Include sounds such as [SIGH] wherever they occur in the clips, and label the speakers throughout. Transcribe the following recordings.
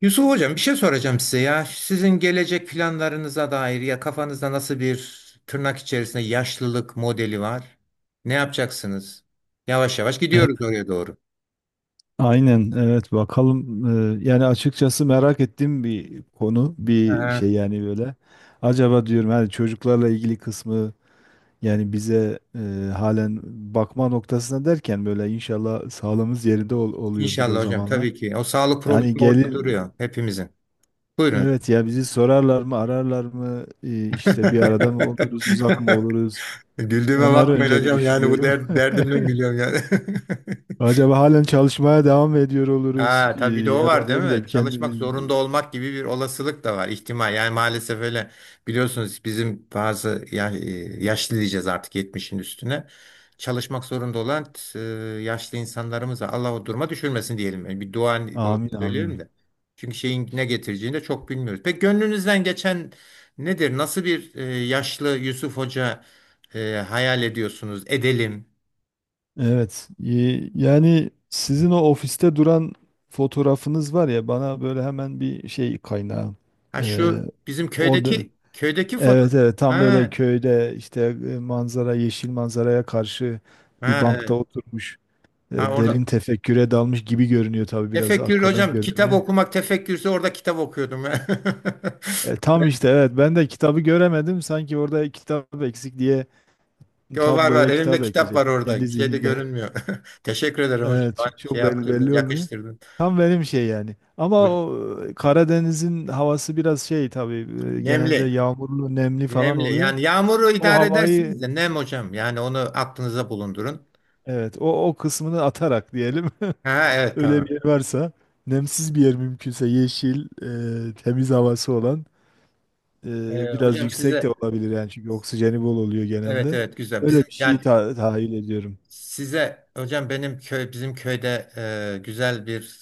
Speaker 1: Yusuf Hocam bir şey soracağım size ya. Sizin gelecek planlarınıza dair ya kafanızda nasıl bir tırnak içerisinde yaşlılık modeli var? Ne yapacaksınız? Yavaş yavaş
Speaker 2: E,
Speaker 1: gidiyoruz oraya doğru.
Speaker 2: Aynen evet bakalım. Yani açıkçası merak ettiğim bir konu bir
Speaker 1: Aha,
Speaker 2: şey yani böyle acaba diyorum hani çocuklarla ilgili kısmı yani bize halen bakma noktasına derken böyle inşallah sağlığımız yerinde oluyordur o
Speaker 1: İnşallah hocam
Speaker 2: zamanlar.
Speaker 1: tabii ki. O sağlık
Speaker 2: Yani
Speaker 1: problemi orada
Speaker 2: gelir
Speaker 1: duruyor hepimizin. Buyurun hocam.
Speaker 2: evet ya bizi sorarlar mı ararlar mı, işte bir arada mı oluruz uzak mı
Speaker 1: [LAUGHS]
Speaker 2: oluruz
Speaker 1: Güldüğüme
Speaker 2: onları
Speaker 1: bakmayın
Speaker 2: önce bir
Speaker 1: hocam yani bu
Speaker 2: düşünüyorum. [LAUGHS]
Speaker 1: derdimden gülüyorum yani. [LAUGHS]
Speaker 2: Acaba halen çalışmaya devam mı ediyor oluruz,
Speaker 1: Ha, tabii bir de o
Speaker 2: Ya da
Speaker 1: var değil
Speaker 2: ne bileyim
Speaker 1: mi? Çalışmak
Speaker 2: kendimiz.
Speaker 1: zorunda olmak gibi bir olasılık da var, ihtimal. Yani maalesef öyle biliyorsunuz bizim bazı ya, yaşlı diyeceğiz artık 70'in üstüne. Çalışmak zorunda olan e, yaşlı insanlarımıza Allah o duruma düşürmesin diyelim. Yani bir dua
Speaker 2: Amin
Speaker 1: söylüyorum
Speaker 2: amin.
Speaker 1: da. Çünkü şeyin ne getireceğini de çok bilmiyoruz. Peki gönlünüzden geçen nedir? Nasıl bir yaşlı Yusuf Hoca hayal ediyorsunuz? Edelim.
Speaker 2: Evet. Yani sizin o ofiste duran fotoğrafınız var ya, bana böyle hemen bir şey kaynağı.
Speaker 1: Ha
Speaker 2: Ee,
Speaker 1: şu bizim
Speaker 2: O da
Speaker 1: köydeki foto.
Speaker 2: evet, evet tam böyle
Speaker 1: Ha,
Speaker 2: köyde işte, manzara, yeşil manzaraya karşı bir
Speaker 1: ha,
Speaker 2: bankta
Speaker 1: evet.
Speaker 2: oturmuş
Speaker 1: Ha, orada
Speaker 2: derin tefekküre dalmış gibi görünüyor, tabii biraz
Speaker 1: tefekkür
Speaker 2: arkadan
Speaker 1: hocam kitap
Speaker 2: görünüyor.
Speaker 1: okumak tefekkürse orada kitap okuyordum. [LAUGHS]
Speaker 2: Tam işte, evet ben de kitabı göremedim sanki, orada kitap eksik diye
Speaker 1: O var var
Speaker 2: tabloya
Speaker 1: elimde
Speaker 2: kitap
Speaker 1: kitap var
Speaker 2: ekleyecektim kendi
Speaker 1: orada şey de
Speaker 2: zihnimde.
Speaker 1: görünmüyor. [LAUGHS] Teşekkür ederim hocam,
Speaker 2: Evet,
Speaker 1: bana şey
Speaker 2: çok belli,
Speaker 1: yaptırdın,
Speaker 2: belli olmuyor.
Speaker 1: yakıştırdın.
Speaker 2: Tam benim şey yani. Ama o Karadeniz'in havası biraz şey tabii, genelde
Speaker 1: Nemli,
Speaker 2: yağmurlu, nemli falan
Speaker 1: nemli
Speaker 2: oluyor.
Speaker 1: yani yağmuru
Speaker 2: O
Speaker 1: idare
Speaker 2: havayı,
Speaker 1: edersiniz de nem hocam, yani onu aklınıza bulundurun.
Speaker 2: evet, o kısmını atarak diyelim. [LAUGHS]
Speaker 1: Ha, evet
Speaker 2: Öyle bir
Speaker 1: tamam.
Speaker 2: yer varsa, nemsiz bir yer mümkünse yeşil, temiz havası olan,
Speaker 1: Ee,
Speaker 2: biraz
Speaker 1: hocam
Speaker 2: yüksek de
Speaker 1: size,
Speaker 2: olabilir yani, çünkü oksijeni bol oluyor
Speaker 1: evet
Speaker 2: genelde.
Speaker 1: evet, güzel
Speaker 2: Öyle
Speaker 1: bizim
Speaker 2: bir
Speaker 1: yani,
Speaker 2: şeyi tahayyül ediyorum.
Speaker 1: size hocam benim bizim köyde güzel bir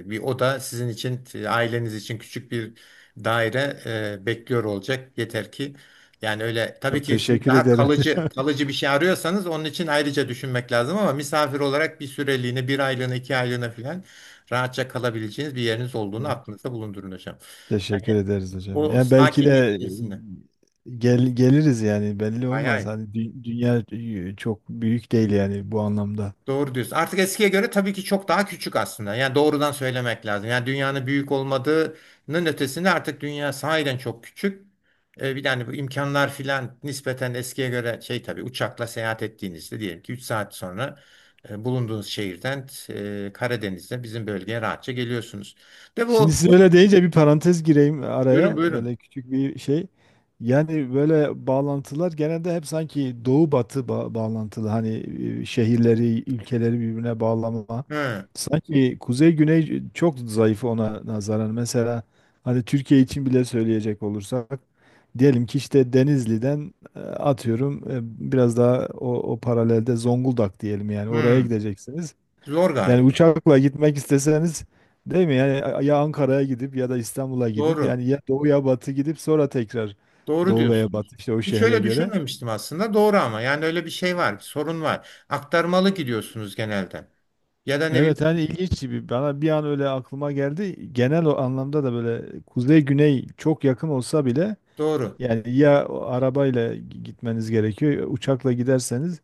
Speaker 1: e, bir oda sizin için, aileniz için küçük bir daire bekliyor olacak. Yeter ki, yani öyle tabii
Speaker 2: Çok
Speaker 1: ki, siz
Speaker 2: teşekkür
Speaker 1: daha
Speaker 2: ederim
Speaker 1: kalıcı
Speaker 2: hocam.
Speaker 1: kalıcı bir şey arıyorsanız onun için ayrıca düşünmek lazım, ama misafir olarak bir süreliğine, bir aylığına, 2 aylığına falan rahatça kalabileceğiniz bir yeriniz olduğunu
Speaker 2: [LAUGHS]
Speaker 1: aklınızda bulundurun hocam. Yani
Speaker 2: Teşekkür ederiz hocam.
Speaker 1: o
Speaker 2: Yani belki
Speaker 1: sakinliğin
Speaker 2: de
Speaker 1: içerisinde.
Speaker 2: geliriz yani, belli
Speaker 1: Hay
Speaker 2: olmaz.
Speaker 1: hay.
Speaker 2: Hani dünya çok büyük değil yani bu anlamda.
Speaker 1: Doğru diyorsun. Artık eskiye göre tabii ki çok daha küçük aslında. Yani doğrudan söylemek lazım. Yani dünyanın büyük olmadığının ötesinde artık dünya sahiden çok küçük. Bir tane, bu imkanlar filan nispeten eskiye göre şey, tabii uçakla seyahat ettiğinizde diyelim ki 3 saat sonra bulunduğunuz şehirden Karadeniz'de bizim bölgeye rahatça geliyorsunuz. De
Speaker 2: Şimdi
Speaker 1: bu,
Speaker 2: siz
Speaker 1: bu-
Speaker 2: öyle deyince bir parantez gireyim
Speaker 1: buyurun
Speaker 2: araya.
Speaker 1: buyurun.
Speaker 2: Böyle küçük bir şey. Yani böyle bağlantılar genelde hep sanki doğu batı bağlantılı. Hani şehirleri, ülkeleri birbirine bağlama.
Speaker 1: Hı,
Speaker 2: Sanki kuzey güney çok zayıf ona nazaran. Mesela hani Türkiye için bile söyleyecek olursak, diyelim ki işte Denizli'den atıyorum biraz daha o paralelde Zonguldak diyelim, yani oraya
Speaker 1: hı.
Speaker 2: gideceksiniz.
Speaker 1: Zor
Speaker 2: Yani
Speaker 1: galiba.
Speaker 2: uçakla gitmek isteseniz, değil mi? Yani ya Ankara'ya gidip ya da İstanbul'a gidip,
Speaker 1: Doğru.
Speaker 2: yani ya doğu ya batı gidip sonra tekrar
Speaker 1: Doğru
Speaker 2: doğu veya
Speaker 1: diyorsunuz.
Speaker 2: batı, işte o
Speaker 1: Hiç
Speaker 2: şehre
Speaker 1: öyle
Speaker 2: göre.
Speaker 1: düşünmemiştim aslında. Doğru, ama yani öyle bir şey var, bir sorun var. Aktarmalı gidiyorsunuz genelde. Ya da ne bileyim,
Speaker 2: Evet, hani ilginç gibi, bana bir an öyle aklıma geldi. Genel o anlamda da böyle kuzey güney çok yakın olsa bile
Speaker 1: doğru.
Speaker 2: yani, ya o arabayla gitmeniz gerekiyor ya uçakla giderseniz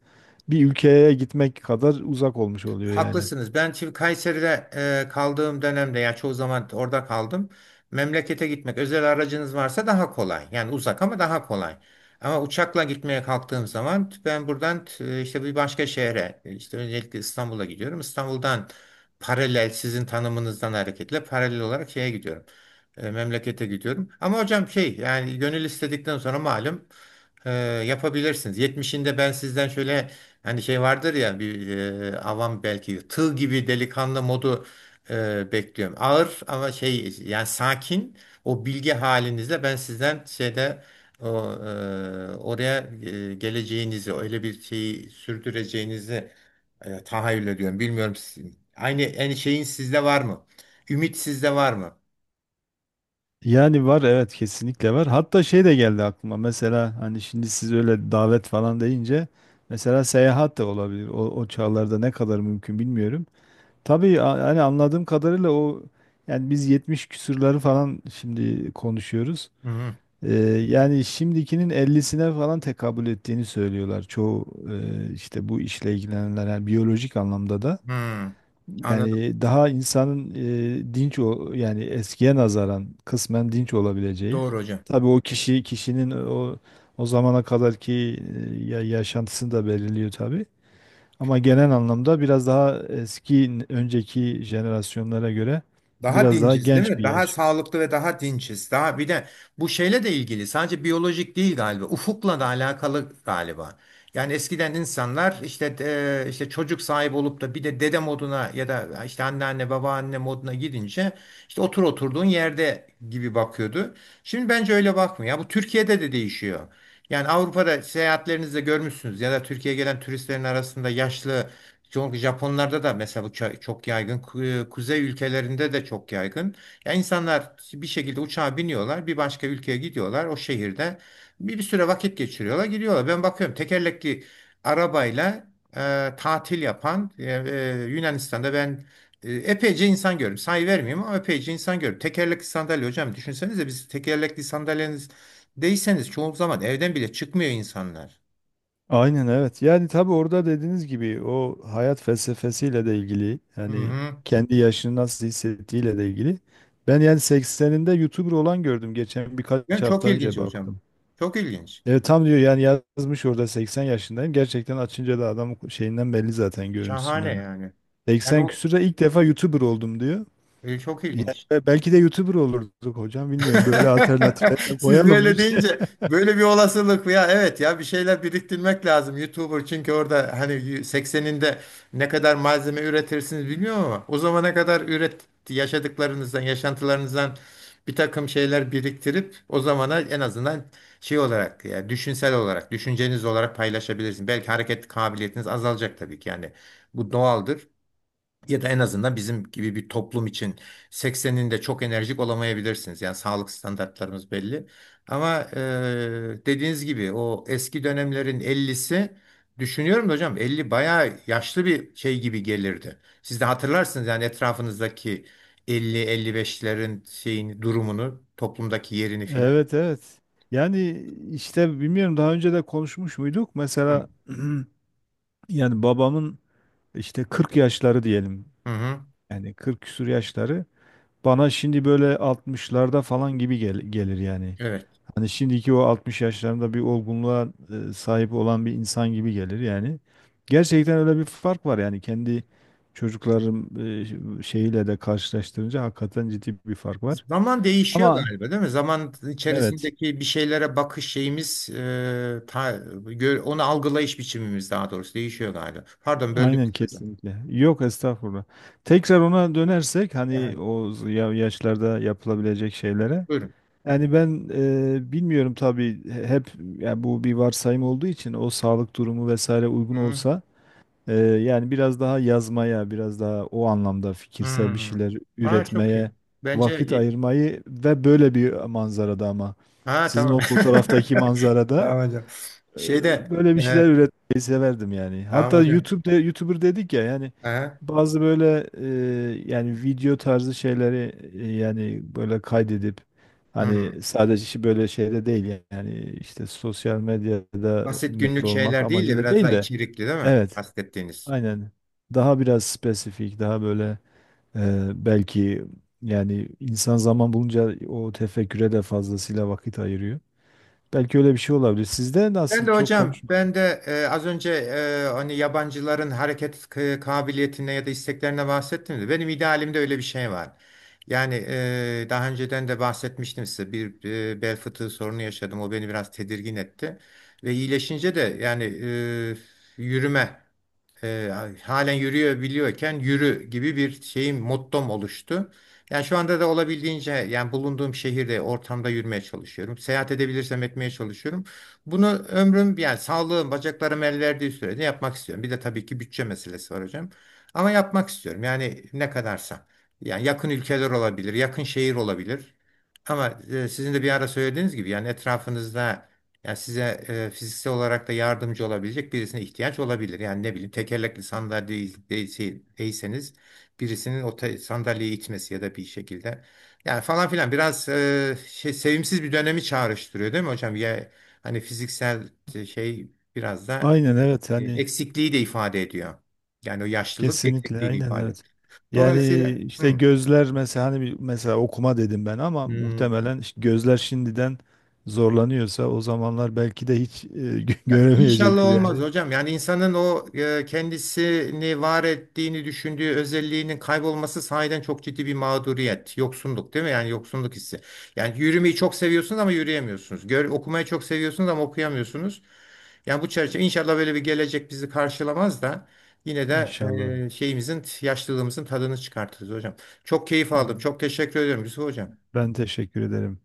Speaker 2: bir ülkeye gitmek kadar uzak olmuş oluyor yani.
Speaker 1: Haklısınız. Ben şimdi Kayseri'de kaldığım dönemde, yani çoğu zaman orada kaldım. Memlekete gitmek özel aracınız varsa daha kolay. Yani uzak ama daha kolay. Ama uçakla gitmeye kalktığım zaman ben buradan işte bir başka şehre, işte öncelikle İstanbul'a gidiyorum. İstanbul'dan paralel, sizin tanımınızdan hareketle paralel olarak şeye gidiyorum. Memlekete gidiyorum. Ama hocam şey yani, gönül istedikten sonra malum ee, yapabilirsiniz. 70'inde ben sizden şöyle, hani şey vardır ya, bir avam belki, tığ gibi delikanlı modu bekliyorum. Ağır ama şey yani sakin, o bilgi halinizle ben sizden şeyde o, oraya geleceğinizi, öyle bir şeyi sürdüreceğinizi tahayyül ediyorum. Bilmiyorum, aynı en şeyin sizde var mı? Ümit sizde var mı?
Speaker 2: Yani var, evet kesinlikle var. Hatta şey de geldi aklıma, mesela hani şimdi siz öyle davet falan deyince, mesela seyahat de olabilir. O çağlarda ne kadar mümkün bilmiyorum. Tabii, hani anladığım kadarıyla o, yani biz 70 küsurları falan şimdi konuşuyoruz.
Speaker 1: Hı hı.
Speaker 2: Ee, Yani şimdikinin 50'sine falan tekabül ettiğini söylüyorlar çoğu işte bu işle ilgilenenler, yani biyolojik anlamda da.
Speaker 1: Hı. Anladım.
Speaker 2: Yani daha insanın dinç, o yani eskiye nazaran kısmen dinç olabileceği.
Speaker 1: Doğru hocam.
Speaker 2: Tabii o kişi, kişinin o zamana kadarki yaşantısını da belirliyor tabii. Ama genel anlamda biraz daha eski, önceki jenerasyonlara göre
Speaker 1: Daha
Speaker 2: biraz daha
Speaker 1: dinciz değil
Speaker 2: genç
Speaker 1: mi?
Speaker 2: bir
Speaker 1: Daha
Speaker 2: yaş.
Speaker 1: sağlıklı ve daha dinciz. Daha bir de bu şeyle de ilgili, sadece biyolojik değil galiba. Ufukla da alakalı galiba. Yani eskiden insanlar işte, işte çocuk sahibi olup da bir de dede moduna ya da işte anneanne, babaanne moduna gidince, işte oturduğun yerde gibi bakıyordu. Şimdi bence öyle bakmıyor. Bu Türkiye'de de değişiyor. Yani Avrupa'da seyahatlerinizde görmüşsünüz, ya da Türkiye'ye gelen turistlerin arasında yaşlı, çünkü Japonlarda da mesela bu çok yaygın. Kuzey ülkelerinde de çok yaygın. Ya, insanlar bir şekilde uçağa biniyorlar, bir başka ülkeye gidiyorlar. O şehirde bir süre vakit geçiriyorlar, gidiyorlar. Ben bakıyorum tekerlekli arabayla tatil yapan, Yunanistan'da ben epeyce insan gördüm. Sayı vermeyeyim ama epeyce insan gördüm. Tekerlekli sandalye hocam, düşünsenize, biz tekerlekli sandalyeniz değilseniz çoğu zaman evden bile çıkmıyor insanlar.
Speaker 2: Aynen evet. Yani tabii orada dediğiniz gibi, o hayat felsefesiyle de ilgili
Speaker 1: Hı
Speaker 2: yani,
Speaker 1: hı.
Speaker 2: kendi yaşını nasıl hissettiğiyle de ilgili. Ben yani 80'inde YouTuber olan gördüm geçen, birkaç
Speaker 1: Yani çok
Speaker 2: hafta
Speaker 1: ilginç
Speaker 2: önce
Speaker 1: hocam.
Speaker 2: baktım.
Speaker 1: Çok ilginç.
Speaker 2: Evet, tam diyor yani, yazmış orada 80 yaşındayım. Gerçekten açınca da adam şeyinden belli zaten,
Speaker 1: Şahane
Speaker 2: görüntüsünden.
Speaker 1: yani. Yani
Speaker 2: 80
Speaker 1: o
Speaker 2: küsürde ilk defa YouTuber oldum diyor.
Speaker 1: çok
Speaker 2: Yani
Speaker 1: ilginç.
Speaker 2: belki de YouTuber olurduk hocam, bilmiyorum. Böyle
Speaker 1: [LAUGHS]
Speaker 2: alternatifler de
Speaker 1: Siz
Speaker 2: koyalım. [LAUGHS]
Speaker 1: böyle deyince böyle bir olasılık, ya evet, ya bir şeyler biriktirmek lazım YouTuber, çünkü orada hani 80'inde ne kadar malzeme üretirsiniz bilmiyorum, ama o zamana kadar üret, yaşadıklarınızdan, yaşantılarınızdan bir takım şeyler biriktirip o zamana, en azından şey olarak, yani düşünsel olarak, düşünceniz olarak paylaşabilirsiniz. Belki hareket kabiliyetiniz azalacak tabii ki, yani bu doğaldır. Ya da en azından bizim gibi bir toplum için 80'inde çok enerjik olamayabilirsiniz. Yani sağlık standartlarımız belli. Ama dediğiniz gibi, o eski dönemlerin 50'si, düşünüyorum da hocam, 50 bayağı yaşlı bir şey gibi gelirdi. Siz de hatırlarsınız, yani etrafınızdaki elli, elli beşlerin şeyini, durumunu, toplumdaki yerini filan.
Speaker 2: Evet, evet. Yani işte bilmiyorum, daha önce de konuşmuş muyduk?
Speaker 1: Hı.
Speaker 2: Mesela [CLEARS THROAT] yani babamın işte 40 yaşları diyelim.
Speaker 1: Hı hı.
Speaker 2: Yani 40 küsur yaşları bana şimdi böyle 60'larda falan gibi gelir yani.
Speaker 1: Evet.
Speaker 2: Hani şimdiki o 60 yaşlarında bir olgunluğa sahip olan bir insan gibi gelir yani. Gerçekten öyle bir fark var, yani kendi çocuklarım şeyiyle de karşılaştırınca hakikaten ciddi bir fark var.
Speaker 1: Zaman değişiyor
Speaker 2: Ama
Speaker 1: galiba değil mi? Zaman
Speaker 2: evet.
Speaker 1: içerisindeki bir şeylere bakış şeyimiz, onu algılayış biçimimiz daha doğrusu değişiyor galiba. Pardon, böldüm
Speaker 2: Aynen
Speaker 1: sizi hocam.
Speaker 2: kesinlikle. Yok estağfurullah. Tekrar ona dönersek,
Speaker 1: Aha,
Speaker 2: hani o yaşlarda yapılabilecek şeylere.
Speaker 1: buyurun.
Speaker 2: Yani ben bilmiyorum tabii, hep yani bu bir varsayım olduğu için, o sağlık durumu vesaire uygun
Speaker 1: Hı,
Speaker 2: olsa yani biraz daha yazmaya, biraz daha o anlamda fikirsel bir
Speaker 1: hı.
Speaker 2: şeyler
Speaker 1: Ha, çok iyi.
Speaker 2: üretmeye
Speaker 1: Bence
Speaker 2: vakit
Speaker 1: iyi.
Speaker 2: ayırmayı, ve böyle bir manzarada, ama
Speaker 1: Ha,
Speaker 2: sizin
Speaker 1: tamam.
Speaker 2: o fotoğraftaki
Speaker 1: [LAUGHS]
Speaker 2: manzarada,
Speaker 1: Tamam hocam.
Speaker 2: ee,
Speaker 1: Şeyde
Speaker 2: böyle bir şeyler üretmeyi severdim yani.
Speaker 1: tamam
Speaker 2: Hatta
Speaker 1: hocam.
Speaker 2: YouTube'da YouTuber dedik ya yani,
Speaker 1: Aha,
Speaker 2: bazı böyle yani video tarzı şeyleri yani böyle kaydedip,
Speaker 1: hı.
Speaker 2: hani sadece işi böyle şeyde değil yani, işte sosyal medyada
Speaker 1: Basit
Speaker 2: meşhur
Speaker 1: günlük
Speaker 2: olmak
Speaker 1: şeyler değil de
Speaker 2: amacıyla
Speaker 1: biraz daha
Speaker 2: değil de,
Speaker 1: içerikli, değil mi?
Speaker 2: evet
Speaker 1: Kastettiğiniz.
Speaker 2: aynen, daha biraz spesifik, daha böyle belki yani, insan zaman bulunca o tefekküre de fazlasıyla vakit ayırıyor. Belki öyle bir şey olabilir. Sizde
Speaker 1: Ben
Speaker 2: nasıl,
Speaker 1: de
Speaker 2: çok
Speaker 1: hocam,
Speaker 2: konuşmadım.
Speaker 1: ben de az önce hani yabancıların hareket kabiliyetine ya da isteklerine bahsettim de, benim idealimde öyle bir şey var. Yani daha önceden de bahsetmiştim size, bir bel fıtığı sorunu yaşadım. O beni biraz tedirgin etti ve iyileşince de yani yürüme, e, halen yürüyebiliyorken yürü gibi bir şeyim, mottom oluştu. Yani şu anda da olabildiğince, yani bulunduğum şehirde, ortamda yürümeye çalışıyorum. Seyahat edebilirsem etmeye çalışıyorum. Bunu ömrüm, yani sağlığım, bacaklarım el verdiği sürede yapmak istiyorum. Bir de tabii ki bütçe meselesi var hocam. Ama yapmak istiyorum. Yani ne kadarsa. Yani yakın ülkeler olabilir, yakın şehir olabilir. Ama sizin de bir ara söylediğiniz gibi, yani etrafınızda, yani size fiziksel olarak da yardımcı olabilecek birisine ihtiyaç olabilir. Yani ne bileyim, tekerlekli sandalye değilseniz, birisinin o sandalyeyi itmesi ya da bir şekilde. Yani falan filan, biraz şey, sevimsiz bir dönemi çağrıştırıyor değil mi hocam? Ya, hani fiziksel şey, biraz da
Speaker 2: Aynen evet, hani
Speaker 1: eksikliği de ifade ediyor. Yani o yaşlılık
Speaker 2: kesinlikle,
Speaker 1: eksikliği de
Speaker 2: aynen
Speaker 1: ifade
Speaker 2: evet.
Speaker 1: ediyor.
Speaker 2: Yani
Speaker 1: Dolayısıyla
Speaker 2: işte
Speaker 1: hı,
Speaker 2: gözler mesela, hani mesela okuma dedim ben, ama
Speaker 1: hı.
Speaker 2: muhtemelen işte gözler şimdiden zorlanıyorsa, o zamanlar belki de hiç [LAUGHS]
Speaker 1: Ya, İnşallah
Speaker 2: göremeyecektir
Speaker 1: olmaz
Speaker 2: yani.
Speaker 1: hocam. Yani insanın o kendisini var ettiğini düşündüğü özelliğinin kaybolması sahiden çok ciddi bir mağduriyet, yoksunluk değil mi? Yani yoksunluk hissi. Yani yürümeyi çok seviyorsunuz ama yürüyemiyorsunuz. Okumayı çok seviyorsunuz ama okuyamıyorsunuz. Yani bu çerçeve, inşallah böyle bir gelecek bizi karşılamaz da, yine de
Speaker 2: İnşallah.
Speaker 1: şeyimizin, yaşlılığımızın tadını çıkartırız hocam. Çok keyif aldım. Çok teşekkür ediyorum Yusuf hocam.
Speaker 2: Ben teşekkür ederim.